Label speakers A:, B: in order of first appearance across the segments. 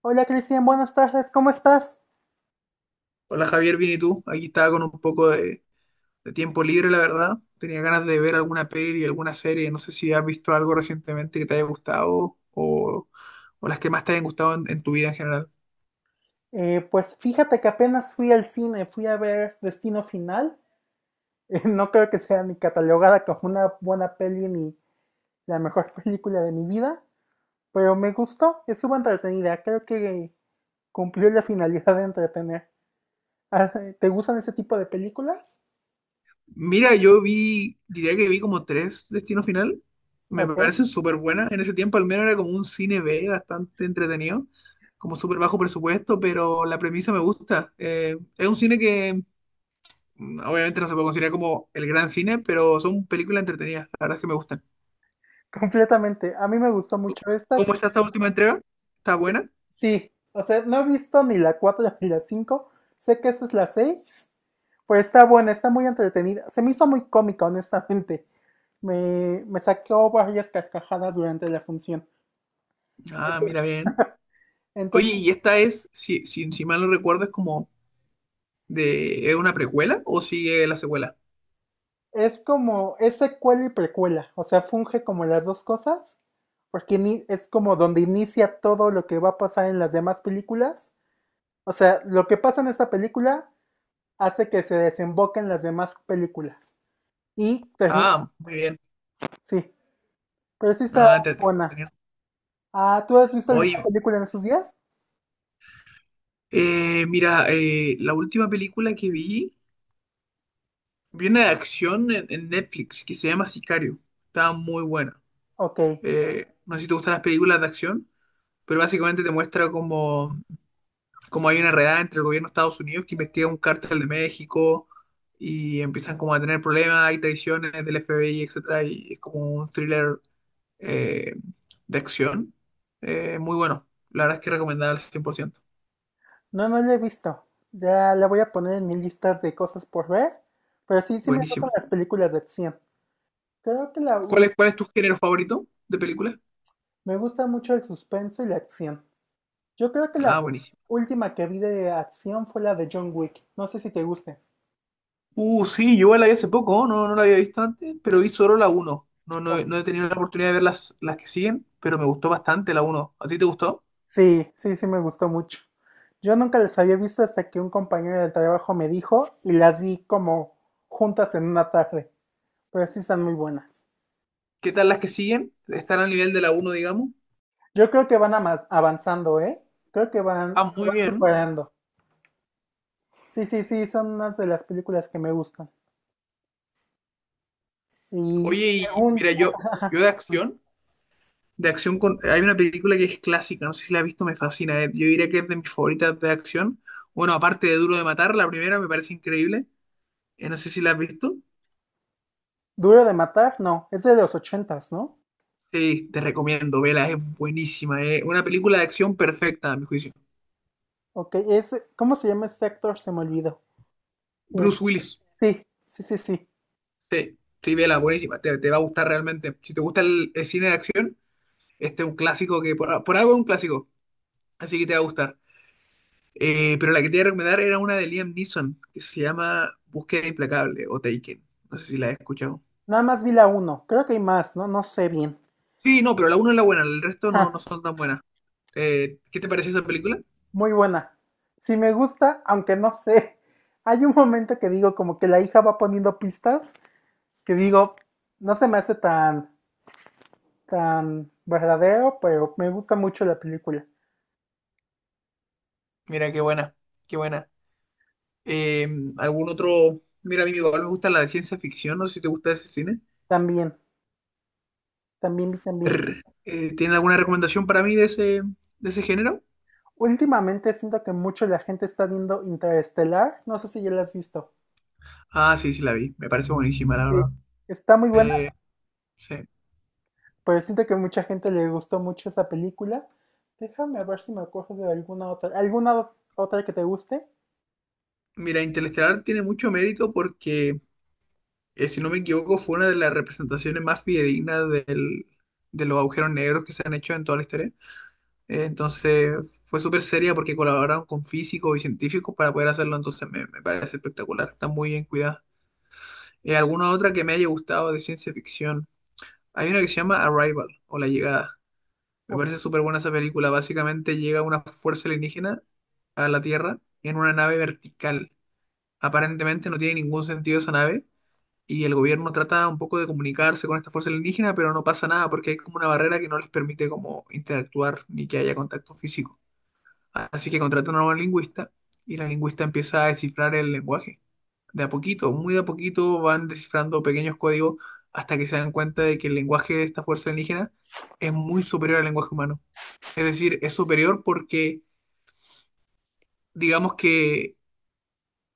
A: Hola Cristian, buenas tardes, ¿cómo estás?
B: Hola Javier, bien y tú. Aquí estaba con un poco de tiempo libre, la verdad. Tenía ganas de ver alguna peli, alguna serie. No sé si has visto algo recientemente que te haya gustado o las que más te hayan gustado en tu vida en general.
A: Pues fíjate que apenas fui al cine, fui a ver Destino Final. No creo que sea ni catalogada como una buena peli ni la mejor película de mi vida, pero me gustó, estuvo entretenida, creo que cumplió la finalidad de entretener. Ah, ¿Te gustan ese tipo de películas?
B: Mira, yo vi, diría que vi como tres Destino Final. Me
A: Ok,
B: parecen súper buenas. En ese tiempo al menos era como un cine B bastante entretenido, como súper bajo presupuesto, pero la premisa me gusta. Es un cine que obviamente no se puede considerar como el gran cine, pero son películas entretenidas. La verdad es que me gustan.
A: completamente. A mí me gustó mucho estas.
B: ¿Cómo está esta última entrega? ¿Está buena?
A: Sí, o sea, no he visto ni la 4 ni la 5. Sé que esta es la 6. Pues está buena, está muy entretenida. Se me hizo muy cómica, honestamente. Me sacó varias carcajadas durante la función.
B: Ah, mira bien. Oye,
A: Entonces,
B: y esta es, si mal no recuerdo, es como de, ¿es una precuela o sigue la secuela?
A: es como, es secuela y precuela. O sea, funge como las dos cosas. Porque es como donde inicia todo lo que va a pasar en las demás películas. O sea, lo que pasa en esta película hace que se desemboque en las demás películas. Y termina,
B: Ah, muy bien.
A: sí. Pero sí está
B: Ah,
A: buena. Ah, ¿tú has visto alguna
B: oye,
A: película en esos días?
B: mira, la última película vi una de acción en Netflix que se llama Sicario. Estaba muy buena.
A: Ok.
B: No sé si te gustan las películas de acción, pero básicamente te muestra como hay una redada entre el gobierno de Estados Unidos que investiga un cártel de México y empiezan como a tener problemas, hay traiciones del FBI, etcétera, y es como un thriller eh, de acción. Muy bueno, la verdad es que recomendada al 100%.
A: No, no la he visto. Ya la voy a poner en mi lista de cosas por ver. Pero sí, sí me gustan
B: Buenísima.
A: las películas de acción. Creo que la
B: Cuál es tu género favorito de película?
A: me gusta mucho el suspenso y la acción. Yo creo que la
B: Ah, buenísimo.
A: última que vi de acción fue la de John Wick. No sé si te guste.
B: Sí, yo igual la vi hace poco, no, no la había visto antes, pero vi solo la uno. No,
A: O-
B: no, no he tenido la oportunidad de ver las que siguen, pero me gustó bastante la uno. ¿A ti te gustó?
A: Sí, sí, sí me gustó mucho. Yo nunca las había visto hasta que un compañero del trabajo me dijo y las vi como juntas en una tarde. Pero sí están muy buenas.
B: ¿Qué tal las que siguen? ¿Están al nivel de la uno digamos?
A: Yo creo que van avanzando, ¿eh? Creo que van,
B: Ah,
A: se
B: muy
A: van
B: bien.
A: superando. Sí, sí, sí, son unas de las películas que me gustan. Y
B: Oye, y
A: según
B: mira, yo, yo de acción con, hay una película que es clásica, no sé si la has visto, me fascina. Yo diría que es de mis favoritas de acción. Bueno, aparte de Duro de Matar, la primera me parece increíble. No sé si la has visto.
A: Duro de matar, no, es de los ochentas, ¿no?
B: Sí, te recomiendo, vela, es buenísima. Es una película de acción perfecta, a mi juicio.
A: Ok, es, ¿cómo se llama este actor? Se me olvidó. Eh,
B: Bruce Willis,
A: sí, sí, sí, sí.
B: sí, sí, vela, buenísima. Te va a gustar realmente. Si te gusta el cine de acción, este es un clásico que, por algo es un clásico, así que te va a gustar. Pero la que te iba a recomendar era una de Liam Neeson, que se llama Búsqueda Implacable o Taken. No sé si la has escuchado.
A: Nada más vi la uno, creo que hay más, ¿no? No sé bien.
B: Sí, no, pero la una es la buena, el resto
A: Ja,
B: no, no son tan buenas. ¿Qué te parece esa película?
A: muy buena. Sí me gusta, aunque no sé. Hay un momento que digo como que la hija va poniendo pistas, que digo, no se me hace tan, tan verdadero, pero me gusta mucho la película.
B: Mira, qué buena, qué buena. Eh, ¿Algún otro? Mira, a mí igual me gusta la de ciencia ficción, no sé si te gusta ese cine.
A: También, también vi también.
B: Rr. ¿Tienen alguna recomendación para mí de de ese género?
A: Últimamente siento que mucho la gente está viendo Interestelar, no sé si ya la has visto.
B: Ah, sí, sí la vi, me parece buenísima, la
A: Sí.
B: verdad.
A: Está muy buena,
B: Eh, sí.
A: pero siento que mucha gente le gustó mucho esa película. Déjame ver si me acuerdo de alguna otra. ¿Alguna otra que te guste?
B: Mira, Interestelar tiene mucho mérito porque si no me equivoco, fue una de las representaciones más fidedignas de los agujeros negros que se han hecho en toda la historia. Entonces, fue súper seria porque colaboraron con físicos y científicos para poder hacerlo. Entonces, me parece espectacular. Está muy bien cuidada. ¿Alguna otra que me haya gustado de ciencia ficción? Hay una que se llama Arrival o La Llegada. Me
A: O-
B: parece súper buena esa película. Básicamente llega una fuerza alienígena a la Tierra en una nave vertical. Aparentemente no tiene ningún sentido esa nave y el gobierno trata un poco de comunicarse con esta fuerza alienígena, pero no pasa nada porque hay como una barrera que no les permite como interactuar ni que haya contacto físico. Así que contratan a un lingüista y la lingüista empieza a descifrar el lenguaje. De a poquito, muy de a poquito van descifrando pequeños códigos hasta que se dan cuenta de que el lenguaje de esta fuerza alienígena es muy superior al lenguaje humano. Es decir, es superior porque digamos que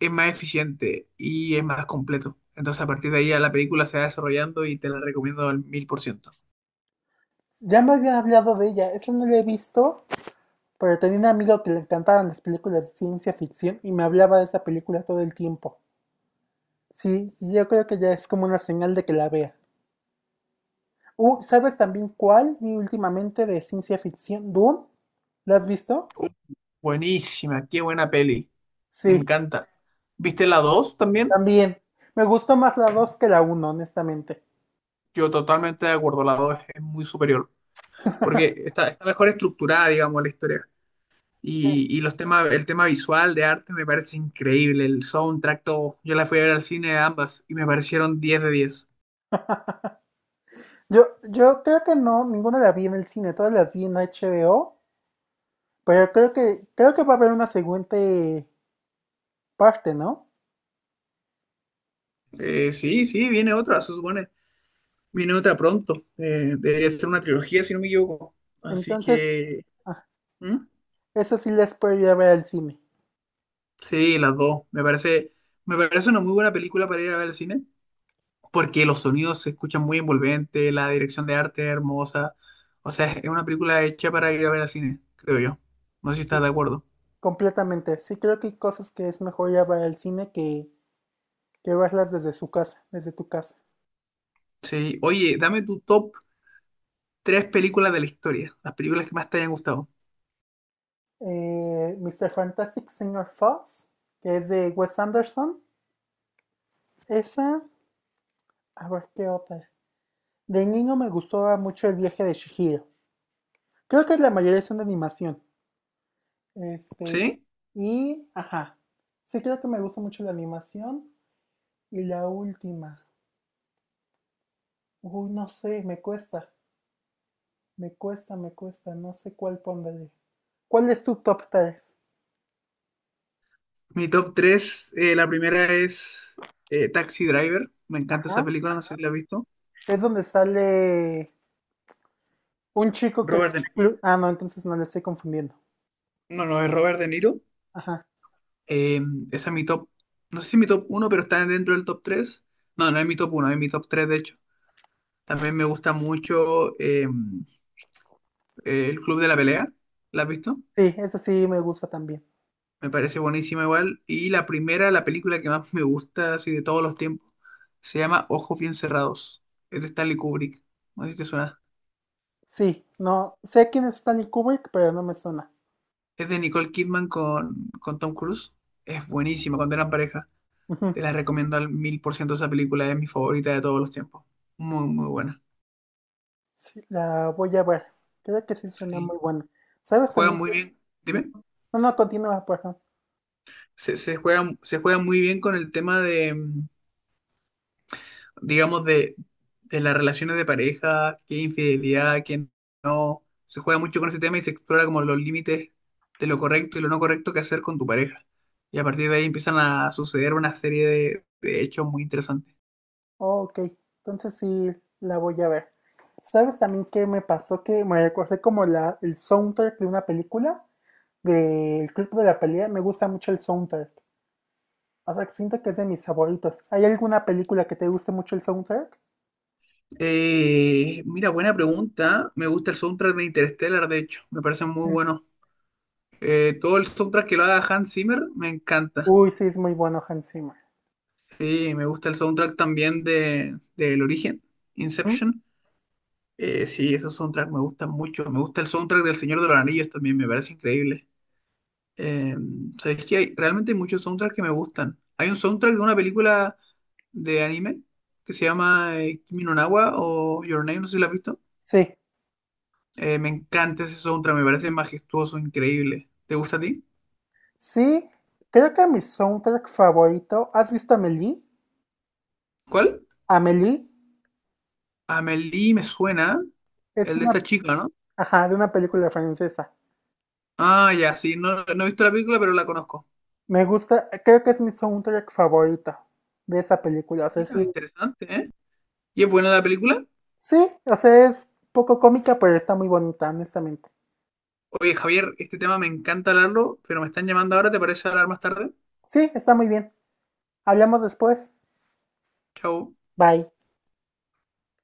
B: es más eficiente y es más completo. Entonces, a partir de ahí, ya la película se va desarrollando y te la recomiendo al mil por ciento.
A: Ya me había hablado de ella, esa no la he visto, pero tenía un amigo que le encantaban las películas de ciencia ficción y me hablaba de esa película todo el tiempo. Sí, y yo creo que ya es como una señal de que la vea. ¿Sabes también cuál vi últimamente de ciencia ficción? Dune. ¿La has visto?
B: Uh, Buenísima, qué buena peli. Me
A: Sí,
B: encanta. ¿Viste la 2 también?
A: también. Me gustó más la 2 que la uno, honestamente.
B: Yo totalmente de acuerdo, la 2 es muy superior. Porque está mejor estructurada, digamos, la historia.
A: Sí.
B: Y los temas, el tema visual de arte me parece increíble. El soundtrack, todo. Yo la fui a ver al cine ambas y me parecieron 10 de diez.
A: Yo creo que no, ninguna la vi en el cine, todas las vi en HBO, pero creo que va a haber una siguiente parte, ¿no?
B: Sí, sí, viene otra, se supone. Viene otra pronto. Debería ser una trilogía, si no me equivoco. Así
A: Entonces,
B: que.
A: ah,
B: ¿Mm?
A: eso sí les puedo ir a ver al cine,
B: Sí, las dos. Me parece una muy buena película para ir a ver al cine. Porque los sonidos se escuchan muy envolventes, la dirección de arte es hermosa. O sea, es una película hecha para ir a ver al cine, creo yo. No sé si estás de acuerdo.
A: completamente. Sí creo que hay cosas que es mejor ir a ver al cine que verlas desde su casa, desde tu casa.
B: Sí. Oye, dame tu top tres películas de la historia. Las películas que más te hayan gustado.
A: Mr. Fantastic señor Fox, que es de Wes Anderson. Esa, a ver qué otra. De niño me gustaba mucho el viaje de Chihiro. Creo que la mayoría son de animación. Este,
B: ¿Sí?
A: y, ajá. Sí, creo que me gusta mucho la animación. Y la última. Uy, no sé, me cuesta. Me cuesta, me cuesta. No sé cuál pondré. ¿Cuál es tu top 3?
B: Mi top tres, la primera es Taxi Driver. Me encanta esa
A: Ajá.
B: película, no sé si la has visto.
A: Es donde sale un chico que...
B: Robert.
A: Ah, no, entonces no le estoy confundiendo.
B: No, no, es Robert De Niro.
A: Ajá.
B: Eh, Esa es mi top. No sé si mi top uno pero está dentro del top tres. No, no es mi top uno, es mi top 3 de hecho. También me gusta mucho El Club de la Pelea. ¿La has visto?
A: Sí, ese sí me gusta también.
B: Me parece buenísima igual. Y la primera, la película que más me gusta, así de todos los tiempos, se llama Ojos Bien Cerrados. Es de Stanley Kubrick. No sé si te suena.
A: Sí, no. Sé quién es Stanley Kubrick, pero no me suena.
B: Es de Nicole Kidman con Tom Cruise. Es buenísima cuando eran pareja. Te
A: Ujú.
B: la recomiendo al mil por ciento esa película, es mi favorita de todos los tiempos. Muy, muy buena.
A: Sí, la voy a ver. Creo que sí suena
B: Sí.
A: muy buena. ¿Sabes
B: Juega
A: también
B: muy
A: que...
B: bien. Dime.
A: Ujú. No, no, continúa, perdón.
B: Se juega muy bien con el tema de, digamos, de las relaciones de pareja, qué infidelidad, qué no. Se juega mucho con ese tema y se explora como los límites de lo correcto y lo no correcto que hacer con tu pareja. Y a partir de ahí empiezan a suceder una serie de hechos muy interesantes.
A: Oh, ok, entonces sí la voy a ver. ¿Sabes también qué me pasó? Que me recordé como la, el soundtrack de una película, del Club de la Pelea. Me gusta mucho el soundtrack. O sea, que siento que es de mis favoritos. ¿Hay alguna película que te guste mucho el soundtrack?
B: Mira, buena pregunta. Me gusta el soundtrack de Interstellar, de hecho. Me parece muy
A: Mm.
B: bueno. Todo el soundtrack que lo haga Hans Zimmer me encanta.
A: Uy, sí, es muy bueno Hans Zimmer.
B: Sí, me gusta el soundtrack también del Origen,
A: Ujú.
B: Inception. Sí, esos soundtracks me gustan mucho. Me gusta el soundtrack del Señor de los Anillos también, me parece increíble. Eh, ¿Sabes qué? Hay, realmente hay muchos soundtracks que me gustan. Hay un soundtrack de una película de anime que se llama Kimi no Na wa o Your Name, no sé si la has visto.
A: Sí,
B: Me encanta ese soundtrack, me parece majestuoso, increíble. ¿Te gusta a ti?
A: sí, creo que mi soundtrack favorito. ¿Has visto Amélie?
B: ¿Cuál?
A: Amélie.
B: Amelie me suena,
A: Es
B: el de
A: una,
B: esta chica, no.
A: ajá, de una película francesa.
B: Ah, ya, sí, no, no he visto la película, pero la conozco.
A: Me gusta, creo que es mi soundtrack favorito de esa película. O sea, sí,
B: Mira, interesante, ¿eh? ¿Y es buena la película?
A: sí, o sea, es poco cómica, pero está muy bonita, honestamente.
B: Oye, Javier, este tema me encanta hablarlo, pero me están llamando ahora, ¿te parece hablar más tarde?
A: Sí, está muy bien. Hablamos después.
B: Chao.
A: Bye.